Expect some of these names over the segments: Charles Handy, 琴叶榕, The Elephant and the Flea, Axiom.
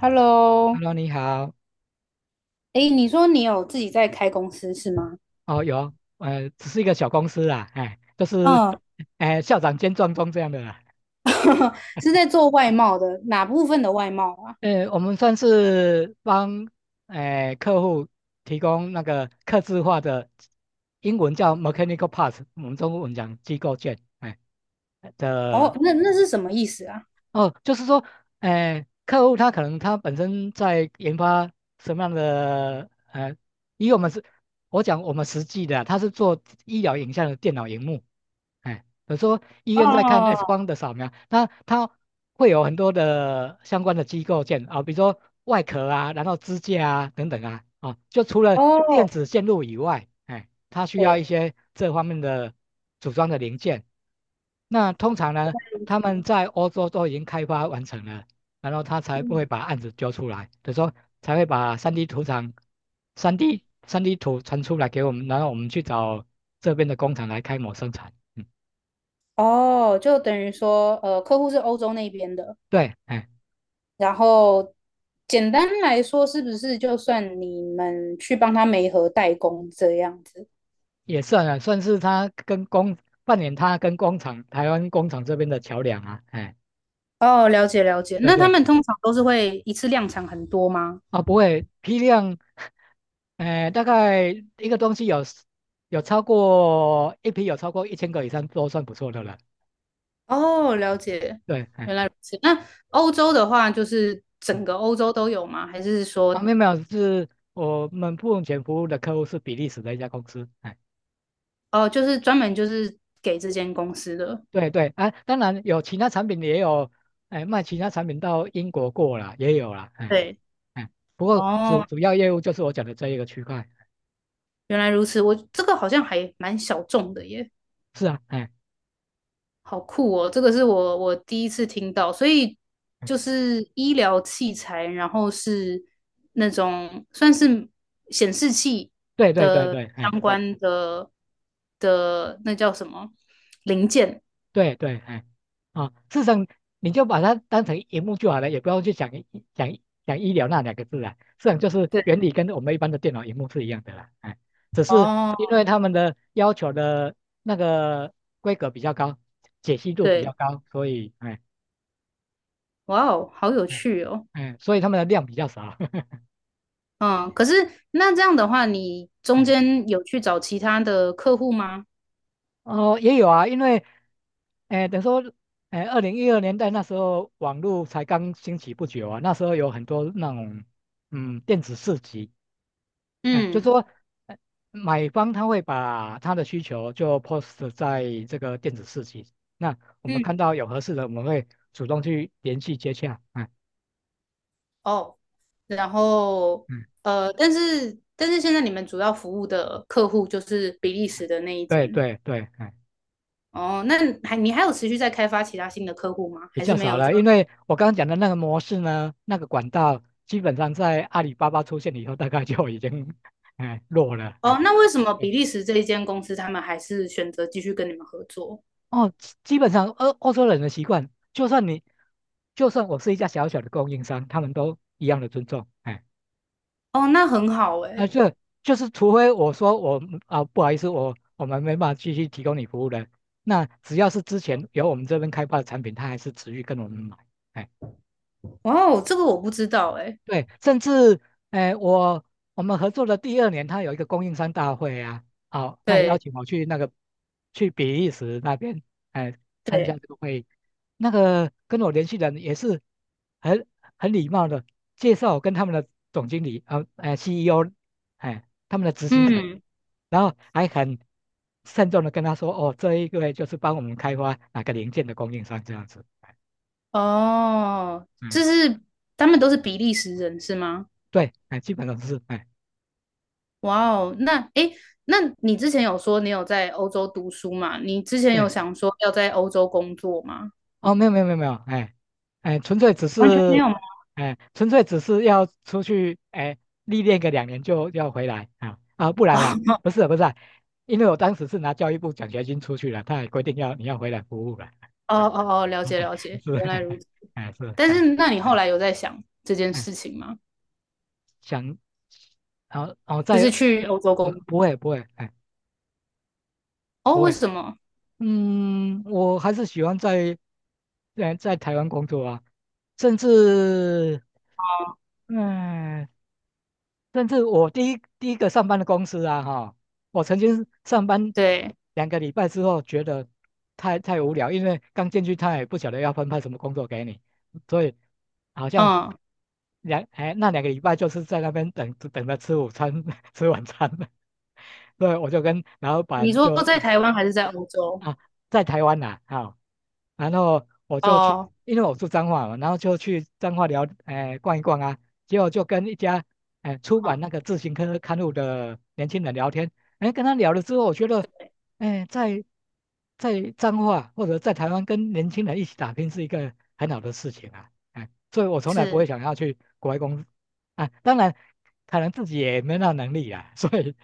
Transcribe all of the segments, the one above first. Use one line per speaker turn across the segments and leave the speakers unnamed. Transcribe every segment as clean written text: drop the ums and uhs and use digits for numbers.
Hello，
Hello，你好。
诶，你说你有自己在开公司是吗？
哦，有，只是一个小公司啦，就是，
嗯，
校长兼壮钟这样的啦。
是在做外贸的，哪部分的外贸啊？
我们算是帮，客户提供那个客制化的，英文叫 mechanical parts，我们中文讲机构件，
哦，
的
那是什么意思啊？
哦，就是说，客户他可能本身在研发什么样的，以我们是，我讲我们实际的啊他是做医疗影像的电脑荧幕，比如说医院在看 X
哦
光的扫描，那它会有很多的相关的机构件啊、比如说外壳啊，然后支架啊等等啊，就除了电
哦，
子线路以外，它需要
对，
一些这方面的组装的零件。那通常呢，他们在欧洲都已经开发完成了，然后他才不会
嗯，
把案子揪出来，就说才会把三 d 图传出来给我们，然后我们去找这边的工厂来开模生产。嗯，
哦，就等于说，呃，客户是欧洲那边的，
对，
然后简单来说，是不是就算你们去帮他媒合代工这样子？
也算啊，算是他跟工扮演他跟工厂、台湾工厂这边的桥梁啊。
哦，了解了解。
对
那他
对，
们通常都是会一次量产很多吗？
不会批量，大概一个东西有有超过一批有超过1000个以上都算不错的了。
哦，了解，
对，
原来如此。那欧洲的话，就是
嗯，
整个欧洲都有吗？还是说，
没有没有，是我们目前服务的客户是比利时的一家公司。
哦，就是专门就是给这间公司的？
对对，当然有其他产品也有，卖其他产品到英国过了也有了，
对，
哎，不过
哦，
主要业务就是我讲的这一个区块。
原来如此。我这个好像还蛮小众的耶，
是啊，
好酷哦！这个是我第一次听到，所以
哎
就是医疗器材，然后是那种算是显示器
对对对
的
对，
相关的的那叫什么零件？
对对，事实上你就把它当成荧幕就好了，也不要去讲讲讲医疗那两个字啦。事实上就是
对，
原理跟我们一般的电脑荧幕是一样的啦，只是
哦。
因为他们的要求的那个规格比较高，解析度比较
对，
高，所以
哇哦，好有
哎
趣哦。
所以他们的量比较少。
嗯，可是那这样的话，你中
哎
间有去找其他的客户吗？
哦，也有啊，因为，等于说，2012年代那时候网络才刚兴起不久啊，那时候有很多那种，嗯，电子市集，就
嗯
说呃买方他会把他的需求就 post 在这个电子市集，那我们看
嗯，
到有合适的，我们会主动去联系接洽。
哦，然后
嗯，
呃，但是现在你们主要服务的客户就是比利时的那一
对
间。
对对，
哦，那还你还有持续在开发其他新的客户吗？
比
还是
较
没
少
有就？
了，因为我刚刚讲的那个模式呢，那个管道基本上在阿里巴巴出现以后，大概就已经弱了。
哦，那为什么
对
比利时这一间公司他们还是选择继续跟你们合作？
哦，基本上欧洲人的习惯，就算你，就算我是一家小小的供应商，他们都一样的尊重。
哦，那很好诶。
这就是除非我说我们不好意思，我们没办法继续提供你服务了。那只要是之前由我们这边开发的产品，他还是持续跟我们买。哎
哇哦，这个我不知道诶。
对，甚至，哎、我我们合作的第二年，他有一个供应商大会啊，好、他也邀
对
请我去去比利时那边，哎、参加
对，
这个会议。那个跟我联系人也是很很礼貌的，介绍我跟他们的总经理，CEO，他们的执行长，
嗯。
然后还很慎重的跟他说，哦，这一位就是帮我们开发哪个零件的供应商这样子，
哦，
嗯，
这是他们都是比利时人是吗？
对，基本上是，
哇哦，那诶，那你之前有说你有在欧洲读书嘛？你之前
对，
有想说要在欧洲工作吗？
哦，没有没有没有没有，哎，纯粹只
完全没
是，
有吗？
纯粹只是要出去，历练个2年就要回来啊不然啦，不是啊因为我当时是拿教育部奖学金出去了，他也规定你要回来服务了，
哦哦哦，了解了解，
是，
原来如 此。
是，
但是那你后来有在想这件
哎，
事情吗？
想，然后然后
就
再，
是去欧洲工作？
不会不会，
哦，
不
为
会，
什么？
嗯，我还是喜欢在在台湾工作啊，甚至。
哦
嗯，甚至我第一个上班的公司啊，哈，我曾经上班
对，
两个礼拜之后，觉得太无聊，因为刚进去他也不晓得要分派什么工作给你，所以好像
嗯，
那两个礼拜就是在那边等着吃午餐，吃晚餐，所以我就跟老
你
板
说
就
在台湾还是在欧洲？
啊，在台湾呐、好，然后我就去，
哦，
因为我住彰化嘛，然后就去彰化聊，逛一逛啊，结果就跟一家，出版
嗯，
那个自行车刊物的年轻人聊天，跟他聊了之后，我觉得，哎、在在彰化或者在台湾跟年轻人一起打拼是一个很好的事情啊，所以我从来不会
是。
想要去国外工作啊，当然可能自己也没那能力啊，所以，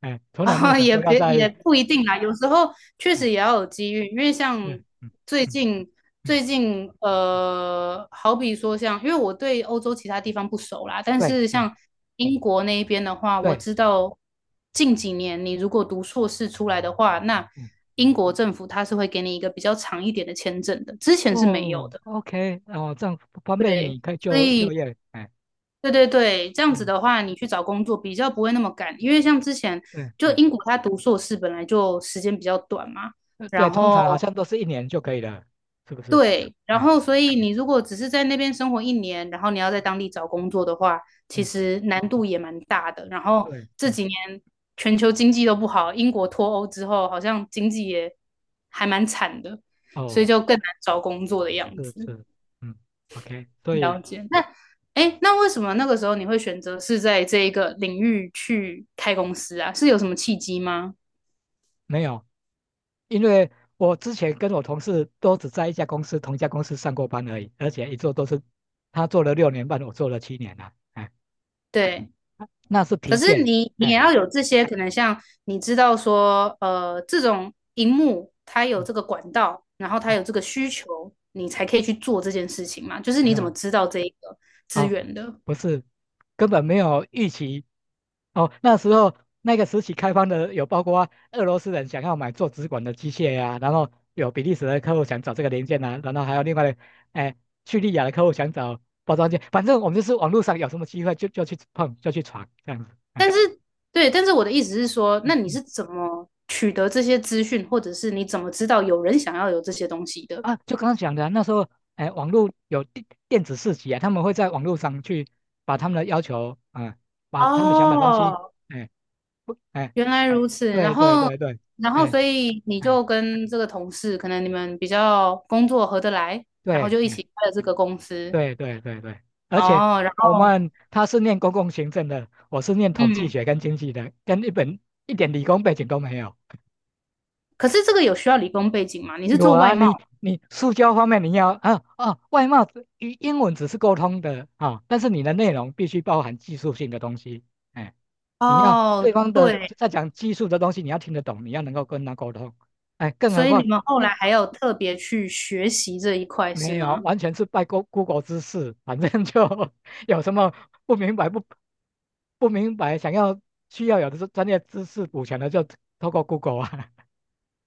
从来没有
啊，
想
也
说要
别也
在，
不一定啦，有时候确实也
嗯
要有机遇，因为像
对嗯
最
嗯
近
嗯
最近呃，好比说像，因为我对欧洲其他地方不熟啦，但
对，
是像英国那一边的话，我
对，
知道近几年你如果读硕士出来的话，那
嗯，
英国政府它是会给你一个比较长一点的签证的，之前是没有
哦
的，
，OK，哦，这样方便
对，
你可以
所
就
以。
业，
对对对，这样子
嗯，
的话，你去找工作比较不会那么赶，因为像之前
对，
就英国他读硕士本来就时间比较短嘛，
呃对，
然
通常好
后
像都是1年就可以了，是不是？
对，然
哎，
后所以你如果只是在那边生活一年，然后你要在当地找工作的话，其
嗯，
实难度也蛮大的。然后
对，
这
嗯，
几年全球经济都不好，英国脱欧之后好像经济也还蛮惨的，所以
哦，
就更难找工作的样
是
子。
是，嗯，OK，所以
了解。那哎，那为什么那个时候你会选择是在这一个领域去开公司啊？是有什么契机吗？
没有，因为我之前跟我同事都只在一家公司，同一家公司上过班而已，而且一做都是他做了6年半，我做了七年了，
对，
那是
可
疲
是
倦，
你也
哎，
要有这些，可能像你知道说，呃，这种荧幕它有
嗯，
这个管道，然后它
啊，
有这个需求，你才可以去做这件事情嘛。就是
没
你怎
有，
么知道这一个资
啊，
源的？
不是，根本没有预期。哦，那时候那个时期开放的有包括俄罗斯人想要买做直管的机械呀、然后有比利时的客户想找这个零件啊，然后还有另外的，哎，叙利亚的客户想找包装件，反正我们就是网络上有什么机会就去碰，就去闯这样子。
但是对，但是我的意思是说，那
嗯
你
嗯，
是怎么取得这些资讯，或者是你怎么知道有人想要有这些东西的？
就刚刚讲的啊那时候，网络有电子市集啊，他们会在网络上去把他们的要求，把他们想买的东西，
哦，
哎。不，
原来如此，然
对对
后，
对对，
然后，
哎
所以你
哎，
就跟这个同事，可能你们比较工作合得来，然后
对
就一起开了这个公司。
对对对对，而且
哦，然后，
他是念公共行政的，我是念统计
嗯，
学跟经济的，跟一本一点理工背景都没有。
可是这个有需要理工背景吗？你是
有
做外
啊，
贸？
你塑胶方面你要，外貌只英英文只是沟通的啊，但是你的内容必须包含技术性的东西，哎，你要对
哦，
方的
对，
在讲技术的东西，你要听得懂，你要能够跟他沟通，更何
所以你
况。
们后
那。
来还有特别去学习这一块是
没有，
吗？
完全是拜 Google 之赐，反正就 有什么不不明白，想要需要有的是专业知识补全的，就透过 Google 啊。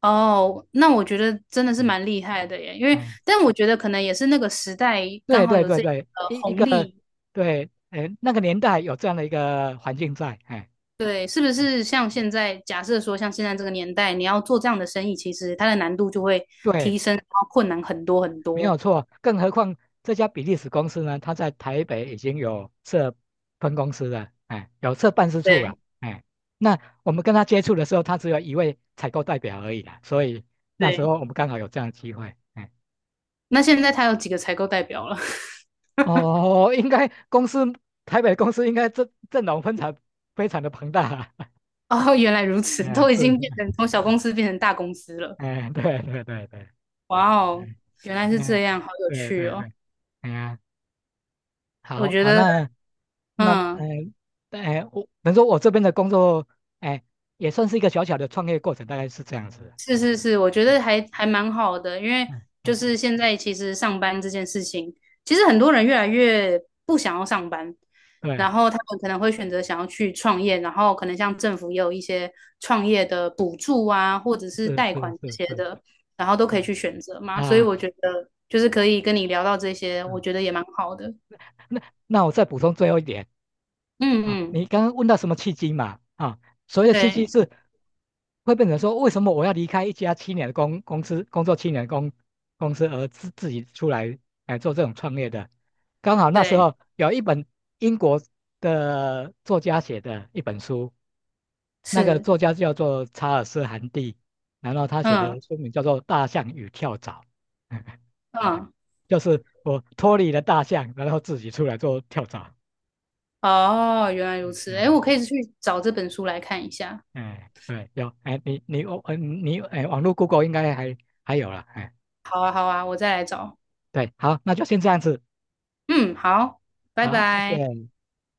哦，那我觉得真的 是
嗯
蛮厉害的耶，因为，
嗯，
但我觉得可能也是那个时代刚
对
好
对
有
对
这
对，
个
一
红
个
利，
对，那个年代有这样的一个环境在，
对，是不是像现在假设说，像现在这个年代，你要做这样的生意，其实它的难度就会提
对。
升，然后困难很多很
没有
多。
错，更何况这家比利时公司呢，它在台北已经有设分公司了，有设办事处了，
对
那我们跟他接触的时候，他只有一位采购代表而已啦，所以那时候
对，
我们刚好有这样的机会，
那现在它有几个采购代表了？
哦，应该台北公司应该阵容非常非常的庞大啦，
哦，原来如 此，都已
是，
经变成从小公司变成大公司了。
对对对对，
哇哦，
嗯，
原来是
嗯
这样，好有
对
趣
对
哦！
对，哎呀，
我
好
觉
好
得，
那。那呃，
嗯，
我能说我这边的工作，哎、也算是一个小小的创业过程，大概是这样子。
是是是，我觉
嗯
得还蛮好的，因为
嗯
就
嗯，
是现在其实上班这件事情，其实很多人越来越不想要上班，然
对，
后他们可能会选择想要去创业，然后可能像政府也有一些创业的补助啊，或者是
是
贷
是
款
是
这些
是，
的，然后都可以
嗯
去选择嘛，所以
啊，
我觉得就是可以跟你聊到这些，我
嗯，
觉得也蛮好的。
那那我再补充最后一点，
嗯嗯，
你刚刚问到什么契机嘛？所谓的契机
对
是会变成说，为什么我要离开一家七年的公司，工作七年的公司，而自己出来来做这种创业的？刚好那时
对，
候有一本英国的作家写的一本书，那个
是，
作家叫做查尔斯·韩蒂，然后他写
嗯
的书名叫做《大象与跳蚤》，
嗯，
就是我脱离了大象，然后自己出来做跳蚤。
哦，原来 如此，诶，我可
嗯
以去找这本书来看一下。
对，有，哎，你你哦，嗯，你哎，网络 Google 应该还有了，
好啊，好啊，我再来找。
对，好，那就先这样子，
嗯，好，拜
好，谢
拜。
谢。